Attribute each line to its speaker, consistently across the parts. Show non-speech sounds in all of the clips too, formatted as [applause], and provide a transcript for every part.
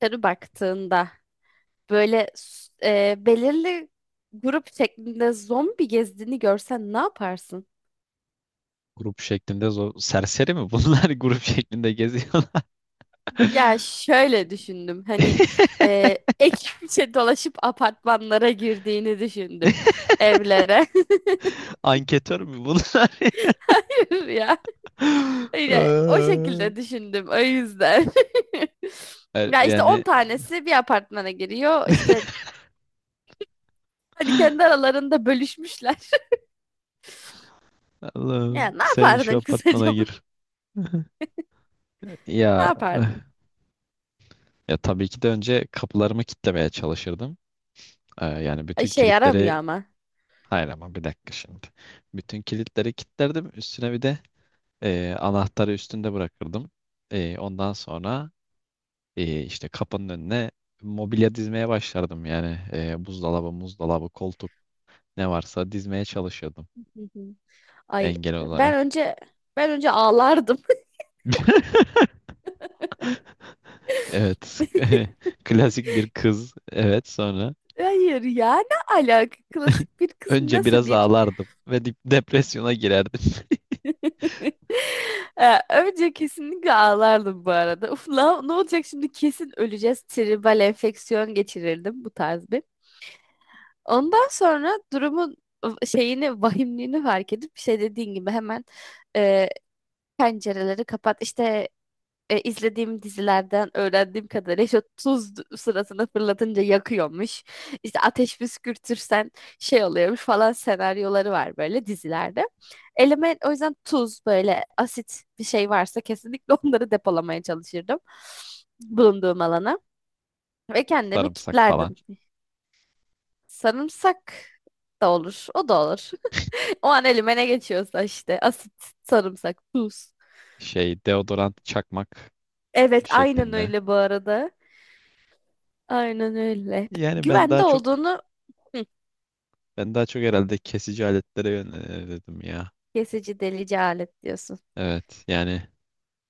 Speaker 1: Dışarı baktığında böyle belirli grup şeklinde zombi gezdiğini görsen ne yaparsın?
Speaker 2: Grup şeklinde zor. Serseri mi bunlar [laughs] grup şeklinde geziyorlar?
Speaker 1: Ya şöyle düşündüm hani, [laughs] ekipçe dolaşıp apartmanlara girdiğini düşündüm,
Speaker 2: [laughs]
Speaker 1: evlere.
Speaker 2: Anketör mü bunlar?
Speaker 1: [laughs] Ya
Speaker 2: [laughs]
Speaker 1: öyle o
Speaker 2: Ay,
Speaker 1: şekilde düşündüm, o yüzden. [laughs] Ya işte 10
Speaker 2: Yani [laughs]
Speaker 1: tanesi bir apartmana giriyor işte, hani kendi aralarında bölüşmüşler. [laughs] Ya
Speaker 2: Allah'ım
Speaker 1: ne
Speaker 2: sen şu
Speaker 1: yapardın
Speaker 2: apartmana
Speaker 1: kısaca [laughs] bu?
Speaker 2: gir. [laughs]
Speaker 1: Ne
Speaker 2: Ya
Speaker 1: yapardın?
Speaker 2: ya tabii ki de önce kapılarımı kilitlemeye çalışırdım. Yani
Speaker 1: Ay,
Speaker 2: bütün
Speaker 1: şey
Speaker 2: kilitleri,
Speaker 1: yaramıyor ama.
Speaker 2: hayır ama bir dakika şimdi. Bütün kilitleri kilitlerdim. Üstüne bir de anahtarı üstünde bırakırdım. Ondan sonra işte kapının önüne mobilya dizmeye başlardım yani. E, buzdolabı, muzdolabı, koltuk, ne varsa dizmeye çalışıyordum,
Speaker 1: Hı hı. Ay,
Speaker 2: engel
Speaker 1: ben
Speaker 2: olarak.
Speaker 1: önce ben önce ağlardım.
Speaker 2: [laughs] Evet. [laughs]
Speaker 1: [laughs]
Speaker 2: Klasik bir kız. Evet, sonra.
Speaker 1: Hayır ya, ne alaka
Speaker 2: [laughs]
Speaker 1: klasik bir kız,
Speaker 2: Önce
Speaker 1: nasıl
Speaker 2: biraz
Speaker 1: bir?
Speaker 2: ağlardım ve depresyona girerdim. [laughs]
Speaker 1: [laughs] Önce kesinlikle ağlardım bu arada. Uf la, ne olacak şimdi, kesin öleceğiz. Tribal enfeksiyon geçirirdim bu tarz bir. Ondan sonra durumun şeyini, vahimliğini fark edip şey, dediğin gibi hemen e, pencereleri kapat. İşte izlediğim dizilerden öğrendiğim kadarıyla işte tuz sırasına fırlatınca yakıyormuş. İşte ateş püskürtürsen şey oluyormuş falan, senaryoları var böyle dizilerde. Elime o yüzden tuz, böyle asit bir şey varsa kesinlikle [laughs] onları depolamaya çalışırdım, bulunduğum alana, ve kendimi
Speaker 2: Sarımsak
Speaker 1: kilitlerdim.
Speaker 2: falan.
Speaker 1: Sarımsak da olur, o da olur. O an elime ne geçiyorsa işte: asit, sarımsak, tuz.
Speaker 2: Şey, deodorant çakmak
Speaker 1: Evet, aynen
Speaker 2: şeklinde.
Speaker 1: öyle bu arada. Aynen öyle. Peki,
Speaker 2: Yani ben
Speaker 1: güvende
Speaker 2: daha çok,
Speaker 1: olduğunu. Hı,
Speaker 2: ben daha çok herhalde kesici aletlere yönelirdim ya.
Speaker 1: kesici delici alet diyorsun.
Speaker 2: Evet yani,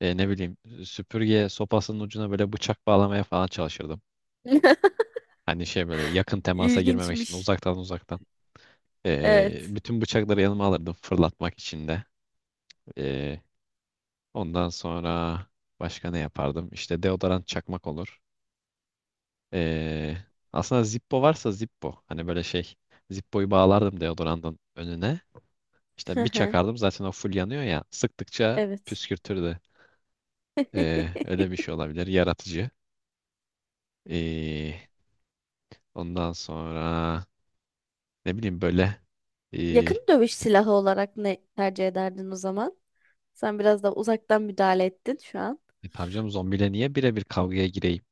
Speaker 2: ne bileyim, süpürge sopasının ucuna böyle bıçak bağlamaya falan çalışırdım.
Speaker 1: [laughs]
Speaker 2: Hani şey, böyle yakın temasa girmemek için,
Speaker 1: İlginçmiş.
Speaker 2: uzaktan uzaktan. E,
Speaker 1: Evet.
Speaker 2: bütün bıçakları yanıma alırdım fırlatmak için de. E, Ondan sonra başka ne yapardım? İşte deodorant çakmak olur. E, aslında Zippo varsa Zippo. Hani böyle şey, Zippo'yu bağlardım deodorantın önüne.
Speaker 1: Hı
Speaker 2: İşte bir
Speaker 1: hı.
Speaker 2: çakardım, zaten o full yanıyor ya. Sıktıkça
Speaker 1: Evet.
Speaker 2: püskürtürdü. E, öyle bir
Speaker 1: [laughs]
Speaker 2: şey olabilir. Yaratıcı. E, Ondan sonra Ne bileyim böyle e,
Speaker 1: Yakın dövüş silahı olarak ne tercih ederdin o zaman? Sen biraz da uzaktan müdahale ettin şu an.
Speaker 2: e tamam canım, zombiyle niye birebir kavgaya gireyim?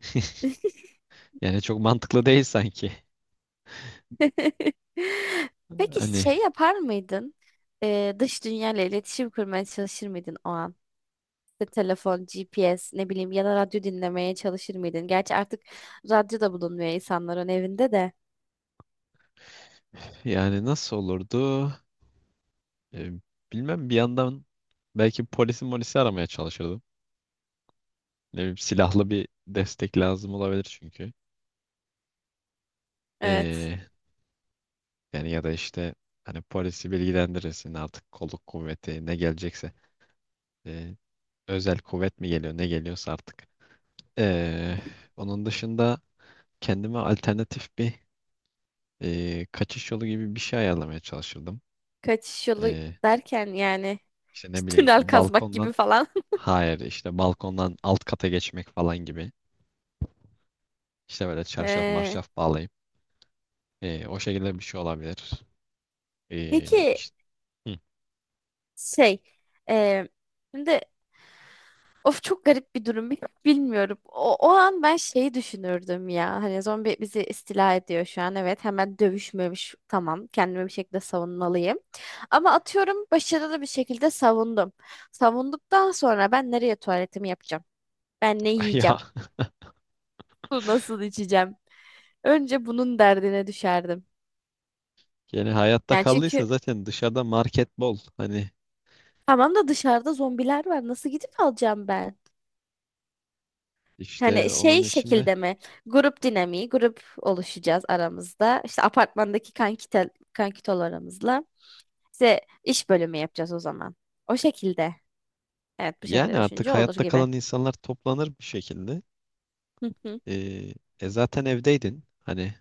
Speaker 2: [laughs]
Speaker 1: [laughs]
Speaker 2: Yani çok mantıklı değil sanki.
Speaker 1: Peki
Speaker 2: Hani
Speaker 1: şey yapar mıydın? Dış dünyayla iletişim kurmaya çalışır mıydın o an? İşte telefon, GPS, ne bileyim, ya da radyo dinlemeye çalışır mıydın? Gerçi artık radyo da bulunmuyor insanların evinde de.
Speaker 2: yani nasıl olurdu? E, Bilmem, bir yandan belki polisi molisi aramaya çalışırdım. Ne bileyim, silahlı bir destek lazım olabilir çünkü.
Speaker 1: Evet.
Speaker 2: E, yani ya da işte, hani polisi bilgilendirirsin artık, kolluk kuvveti ne gelecekse. E, Özel kuvvet mi geliyor, ne geliyorsa artık. E, Onun dışında kendime alternatif bir kaçış yolu gibi bir şey ayarlamaya çalışırdım.
Speaker 1: Kaçış yolu
Speaker 2: E,
Speaker 1: derken yani
Speaker 2: işte
Speaker 1: [laughs]
Speaker 2: ne
Speaker 1: işte
Speaker 2: bileyim,
Speaker 1: tünel kazmak
Speaker 2: balkondan,
Speaker 1: gibi falan. [laughs]
Speaker 2: hayır işte balkondan alt kata geçmek falan gibi. İşte böyle çarşaf
Speaker 1: Ee,
Speaker 2: marşaf bağlayıp o şekilde bir şey olabilir. E,
Speaker 1: peki
Speaker 2: işte, hı.
Speaker 1: şey, e, şimdi of, çok garip bir durum. [laughs] Bilmiyorum. O, o an ben şeyi düşünürdüm ya. Hani zombi bizi istila ediyor şu an. Evet, hemen dövüşmemiş. Tamam. Kendimi bir şekilde savunmalıyım. Ama atıyorum, başarılı bir şekilde savundum. Savunduktan sonra ben nereye tuvaletimi yapacağım? Ben ne
Speaker 2: [laughs] Ya
Speaker 1: yiyeceğim? [laughs] Su nasıl içeceğim? Önce bunun derdine düşerdim.
Speaker 2: yani hayatta
Speaker 1: Yani çünkü
Speaker 2: kaldıysa zaten dışarıda market bol. Hani
Speaker 1: tamam da dışarıda zombiler var. Nasıl gidip alacağım ben?
Speaker 2: işte
Speaker 1: Hani
Speaker 2: onun
Speaker 1: şey
Speaker 2: içinde.
Speaker 1: şekilde mi? Grup dinamiği, grup oluşacağız aramızda. İşte apartmandaki kankitel, kankitolarımızla. İşte iş bölümü yapacağız o zaman. O şekilde. Evet, bu
Speaker 2: Yani
Speaker 1: şekilde
Speaker 2: artık
Speaker 1: düşünce olur
Speaker 2: hayatta
Speaker 1: gibi.
Speaker 2: kalan insanlar toplanır bir şekilde.
Speaker 1: Hı hı.
Speaker 2: E, zaten evdeydin. Hani,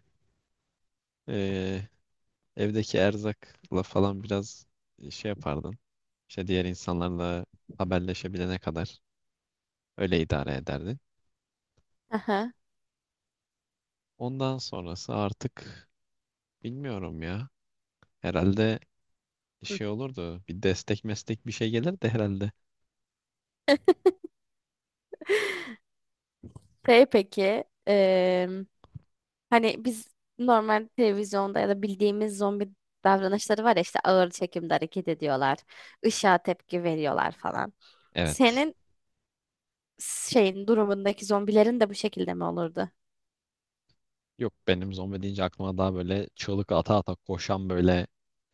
Speaker 2: e, evdeki erzakla falan biraz şey yapardın. İşte diğer insanlarla haberleşebilene kadar öyle idare ederdin.
Speaker 1: Aha.
Speaker 2: Ondan sonrası artık bilmiyorum ya. Herhalde
Speaker 1: Hı.
Speaker 2: şey olurdu. Bir destek meslek bir şey gelir de herhalde.
Speaker 1: Şey peki, hani biz normal televizyonda ya da bildiğimiz zombi davranışları var ya, işte ağır çekimde hareket ediyorlar, ışığa tepki veriyorlar falan.
Speaker 2: Evet.
Speaker 1: Senin şeyin durumundaki zombilerin de bu şekilde mi olurdu?
Speaker 2: Yok, benim zombi deyince aklıma daha böyle çığlık ata ata koşan böyle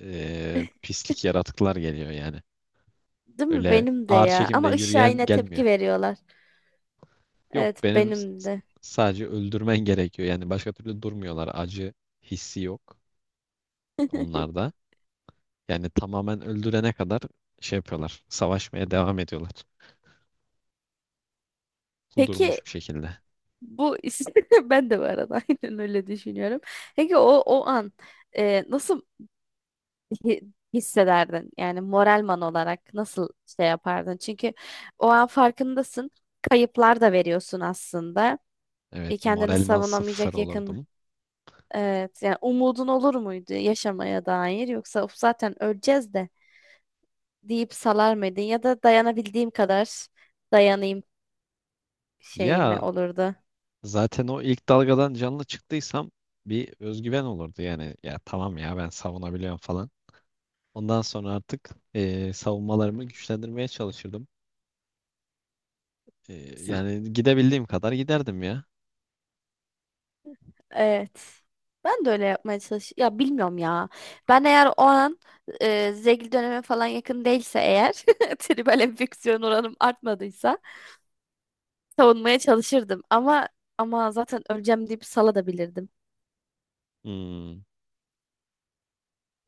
Speaker 1: [laughs]
Speaker 2: pislik yaratıklar geliyor yani.
Speaker 1: Değil mi?
Speaker 2: Öyle
Speaker 1: Benim de
Speaker 2: ağır
Speaker 1: ya.
Speaker 2: çekimde
Speaker 1: Ama ışığa
Speaker 2: yürüyen
Speaker 1: yine
Speaker 2: gelmiyor.
Speaker 1: tepki veriyorlar.
Speaker 2: Yok,
Speaker 1: Evet,
Speaker 2: benim
Speaker 1: benim de.
Speaker 2: sadece öldürmen gerekiyor. Yani başka türlü durmuyorlar. Acı hissi yok onlarda. Yani tamamen öldürene kadar şey yapıyorlar. Savaşmaya devam ediyorlar.
Speaker 1: Peki
Speaker 2: Kudurmuş bir şekilde.
Speaker 1: bu [laughs] ben de bu arada [laughs] aynen öyle düşünüyorum. Peki o an, nasıl hissederdin? Yani moralman olarak nasıl şey yapardın? Çünkü o an farkındasın. Kayıplar da veriyorsun aslında.
Speaker 2: Evet,
Speaker 1: E, kendini
Speaker 2: moralman sıfır
Speaker 1: savunamayacak yakın.
Speaker 2: olurdum.
Speaker 1: Evet, yani umudun olur muydu yaşamaya dair, yoksa "Of, zaten öleceğiz de" deyip salar mıydın, ya da dayanabildiğim kadar dayanayım şeyimle
Speaker 2: Ya
Speaker 1: olurdu.
Speaker 2: zaten o ilk dalgadan canlı çıktıysam bir özgüven olurdu. Yani ya tamam ya, ben savunabiliyorum falan. Ondan sonra artık savunmalarımı güçlendirmeye çalışırdım. Yani gidebildiğim kadar giderdim ya.
Speaker 1: Evet. Ben de öyle yapmaya çalış. Ya bilmiyorum ya. Ben eğer o an zegil döneme falan yakın değilse eğer, [laughs] tribal enfeksiyon oranım artmadıysa savunmaya çalışırdım. Ama zaten öleceğim deyip sala da. [laughs]
Speaker 2: Hmm.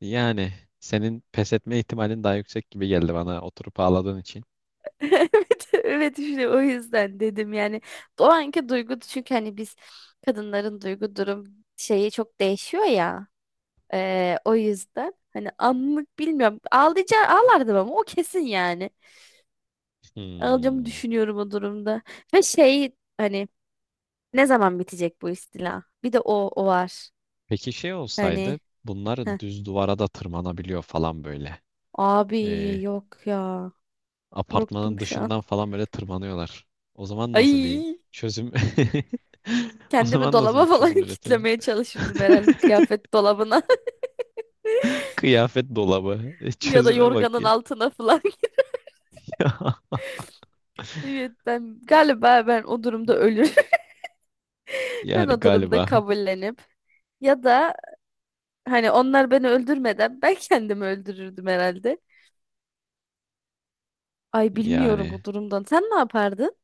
Speaker 2: Yani senin pes etme ihtimalin daha yüksek gibi geldi bana, oturup ağladığın için.
Speaker 1: Evet, işte o yüzden dedim yani. O anki duygu, çünkü hani biz kadınların duygu durum şeyi çok değişiyor ya. E, o yüzden hani anlık bilmiyorum. Ağlayacağım, ağlardım, ama o kesin yani. Alacağımı
Speaker 2: Hmm.
Speaker 1: düşünüyorum o durumda. Ve şey, hani ne zaman bitecek bu istila? Bir de o, o var.
Speaker 2: Peki şey
Speaker 1: Hani,
Speaker 2: olsaydı, bunlar
Speaker 1: heh.
Speaker 2: düz duvara da tırmanabiliyor falan böyle.
Speaker 1: Abi,
Speaker 2: Ee,
Speaker 1: yok ya. Korktum
Speaker 2: Apartmanın
Speaker 1: şu an.
Speaker 2: dışından falan böyle tırmanıyorlar. O
Speaker 1: [laughs]
Speaker 2: zaman nasıl bir
Speaker 1: Ay,
Speaker 2: çözüm? [laughs] O
Speaker 1: kendimi
Speaker 2: zaman nasıl bir
Speaker 1: dolaba falan
Speaker 2: çözüm
Speaker 1: [laughs]
Speaker 2: üretelim?
Speaker 1: kitlemeye çalışırdım
Speaker 2: [laughs]
Speaker 1: herhalde, kıyafet dolabına,
Speaker 2: Kıyafet dolabı. E,
Speaker 1: [laughs] ya da
Speaker 2: çözüme bak
Speaker 1: yorganın
Speaker 2: ya.
Speaker 1: altına falan. [laughs]
Speaker 2: [laughs]
Speaker 1: Evet, ben galiba, ben o durumda ölürüm. [laughs] Ben
Speaker 2: Yani
Speaker 1: o durumda
Speaker 2: galiba.
Speaker 1: kabullenip, ya da hani onlar beni öldürmeden ben kendimi öldürürdüm herhalde. Ay, bilmiyorum
Speaker 2: Yani.
Speaker 1: bu durumdan. Sen ne yapardın?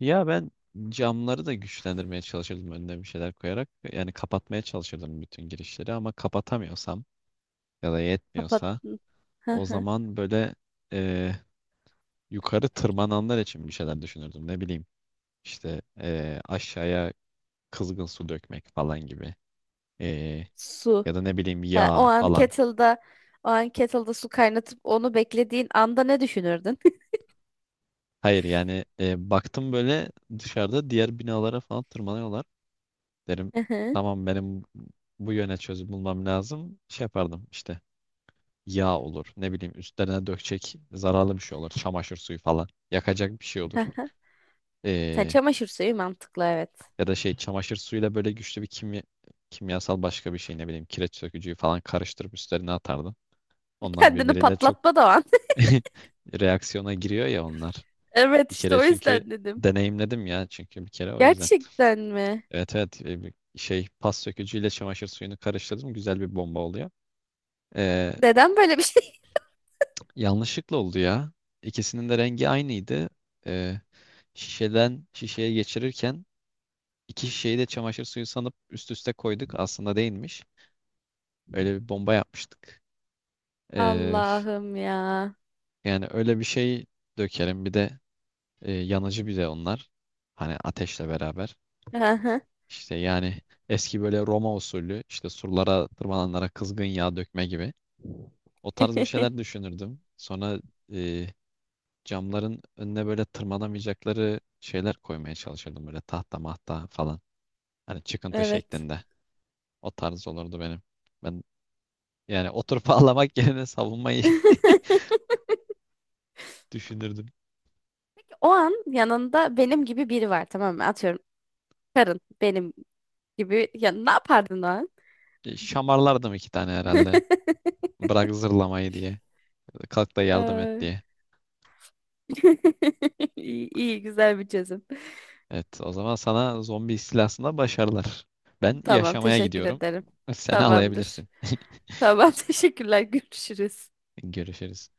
Speaker 2: Ya ben camları da güçlendirmeye çalışırdım, önüne bir şeyler koyarak. Yani kapatmaya çalışırdım bütün girişleri, ama kapatamıyorsam ya da yetmiyorsa
Speaker 1: Kapattın. Hı
Speaker 2: o
Speaker 1: hı.
Speaker 2: zaman böyle e, yukarı tırmananlar için bir şeyler düşünürdüm. Ne bileyim işte, aşağıya kızgın su dökmek falan gibi. E,
Speaker 1: Su.
Speaker 2: ya da ne bileyim,
Speaker 1: Ha, o
Speaker 2: yağ
Speaker 1: an
Speaker 2: falan.
Speaker 1: kettle'da o an kettle'da su kaynatıp onu beklediğin anda ne düşünürdün?
Speaker 2: Hayır yani, baktım böyle dışarıda diğer binalara falan tırmanıyorlar. Derim
Speaker 1: [laughs] Hı hı.
Speaker 2: tamam, benim bu yöne çözüm bulmam lazım. Şey yapardım işte, yağ olur. Ne bileyim, üstlerine dökecek zararlı bir şey olur. Çamaşır suyu falan. Yakacak bir şey olur.
Speaker 1: Hı hı. Sen
Speaker 2: Ee,
Speaker 1: çamaşır suyu, mantıklı, evet.
Speaker 2: Ya da şey, çamaşır suyuyla böyle güçlü bir kimya, kimyasal başka bir şey, ne bileyim kireç sökücüyü falan karıştırıp üstlerine atardı. Onlar
Speaker 1: Kendini
Speaker 2: birbiriyle çok
Speaker 1: patlatma da o an. [laughs]
Speaker 2: [laughs] reaksiyona giriyor ya onlar.
Speaker 1: Evet,
Speaker 2: Bir
Speaker 1: işte
Speaker 2: kere
Speaker 1: o
Speaker 2: çünkü
Speaker 1: yüzden dedim.
Speaker 2: deneyimledim ya, çünkü bir kere o yüzden.
Speaker 1: Gerçekten mi?
Speaker 2: Evet evet, bir şey, pas sökücüyle çamaşır suyunu karıştırdım, güzel bir bomba oluyor. Ee,
Speaker 1: Neden böyle bir şey?
Speaker 2: Yanlışlıkla oldu ya. İkisinin de rengi aynıydı. Ee, Şişeden şişeye geçirirken iki şişeyi de çamaşır suyu sanıp üst üste koyduk. Aslında değilmiş. Öyle bir bomba yapmıştık.
Speaker 1: [laughs]
Speaker 2: Ee,
Speaker 1: Allah'ım ya.
Speaker 2: Yani öyle bir şey dökerim. Bir de yanıcı bir de onlar. Hani ateşle beraber.
Speaker 1: Hı hı.
Speaker 2: İşte yani eski böyle Roma usulü, işte surlara tırmananlara kızgın yağ dökme gibi. O tarz bir şeyler
Speaker 1: [laughs]
Speaker 2: düşünürdüm. Sonra e, camların önüne böyle tırmanamayacakları şeyler koymaya çalışırdım, böyle tahta mahta falan. Hani çıkıntı
Speaker 1: Evet.
Speaker 2: şeklinde. O tarz olurdu benim. Ben, yani oturup [laughs] ağlamak yerine savunmayı
Speaker 1: [laughs]
Speaker 2: [laughs] düşünürdüm.
Speaker 1: O an yanında benim gibi biri var, tamam mı? Atıyorum karın benim gibi. Ya ne yapardın o an?
Speaker 2: E, şamarlardım iki tane herhalde. Bırak zırlamayı diye. Kalk da
Speaker 1: [laughs]
Speaker 2: yardım et
Speaker 1: Ay.
Speaker 2: diye.
Speaker 1: [laughs] İyi, iyi, güzel bir çözüm.
Speaker 2: Evet, o zaman sana zombi istilasında başarılar. Ben
Speaker 1: Tamam,
Speaker 2: yaşamaya
Speaker 1: teşekkür
Speaker 2: gidiyorum.
Speaker 1: ederim.
Speaker 2: Sen
Speaker 1: Tamamdır.
Speaker 2: ağlayabilirsin.
Speaker 1: Tamam, [laughs] teşekkürler, görüşürüz.
Speaker 2: Görüşürüz.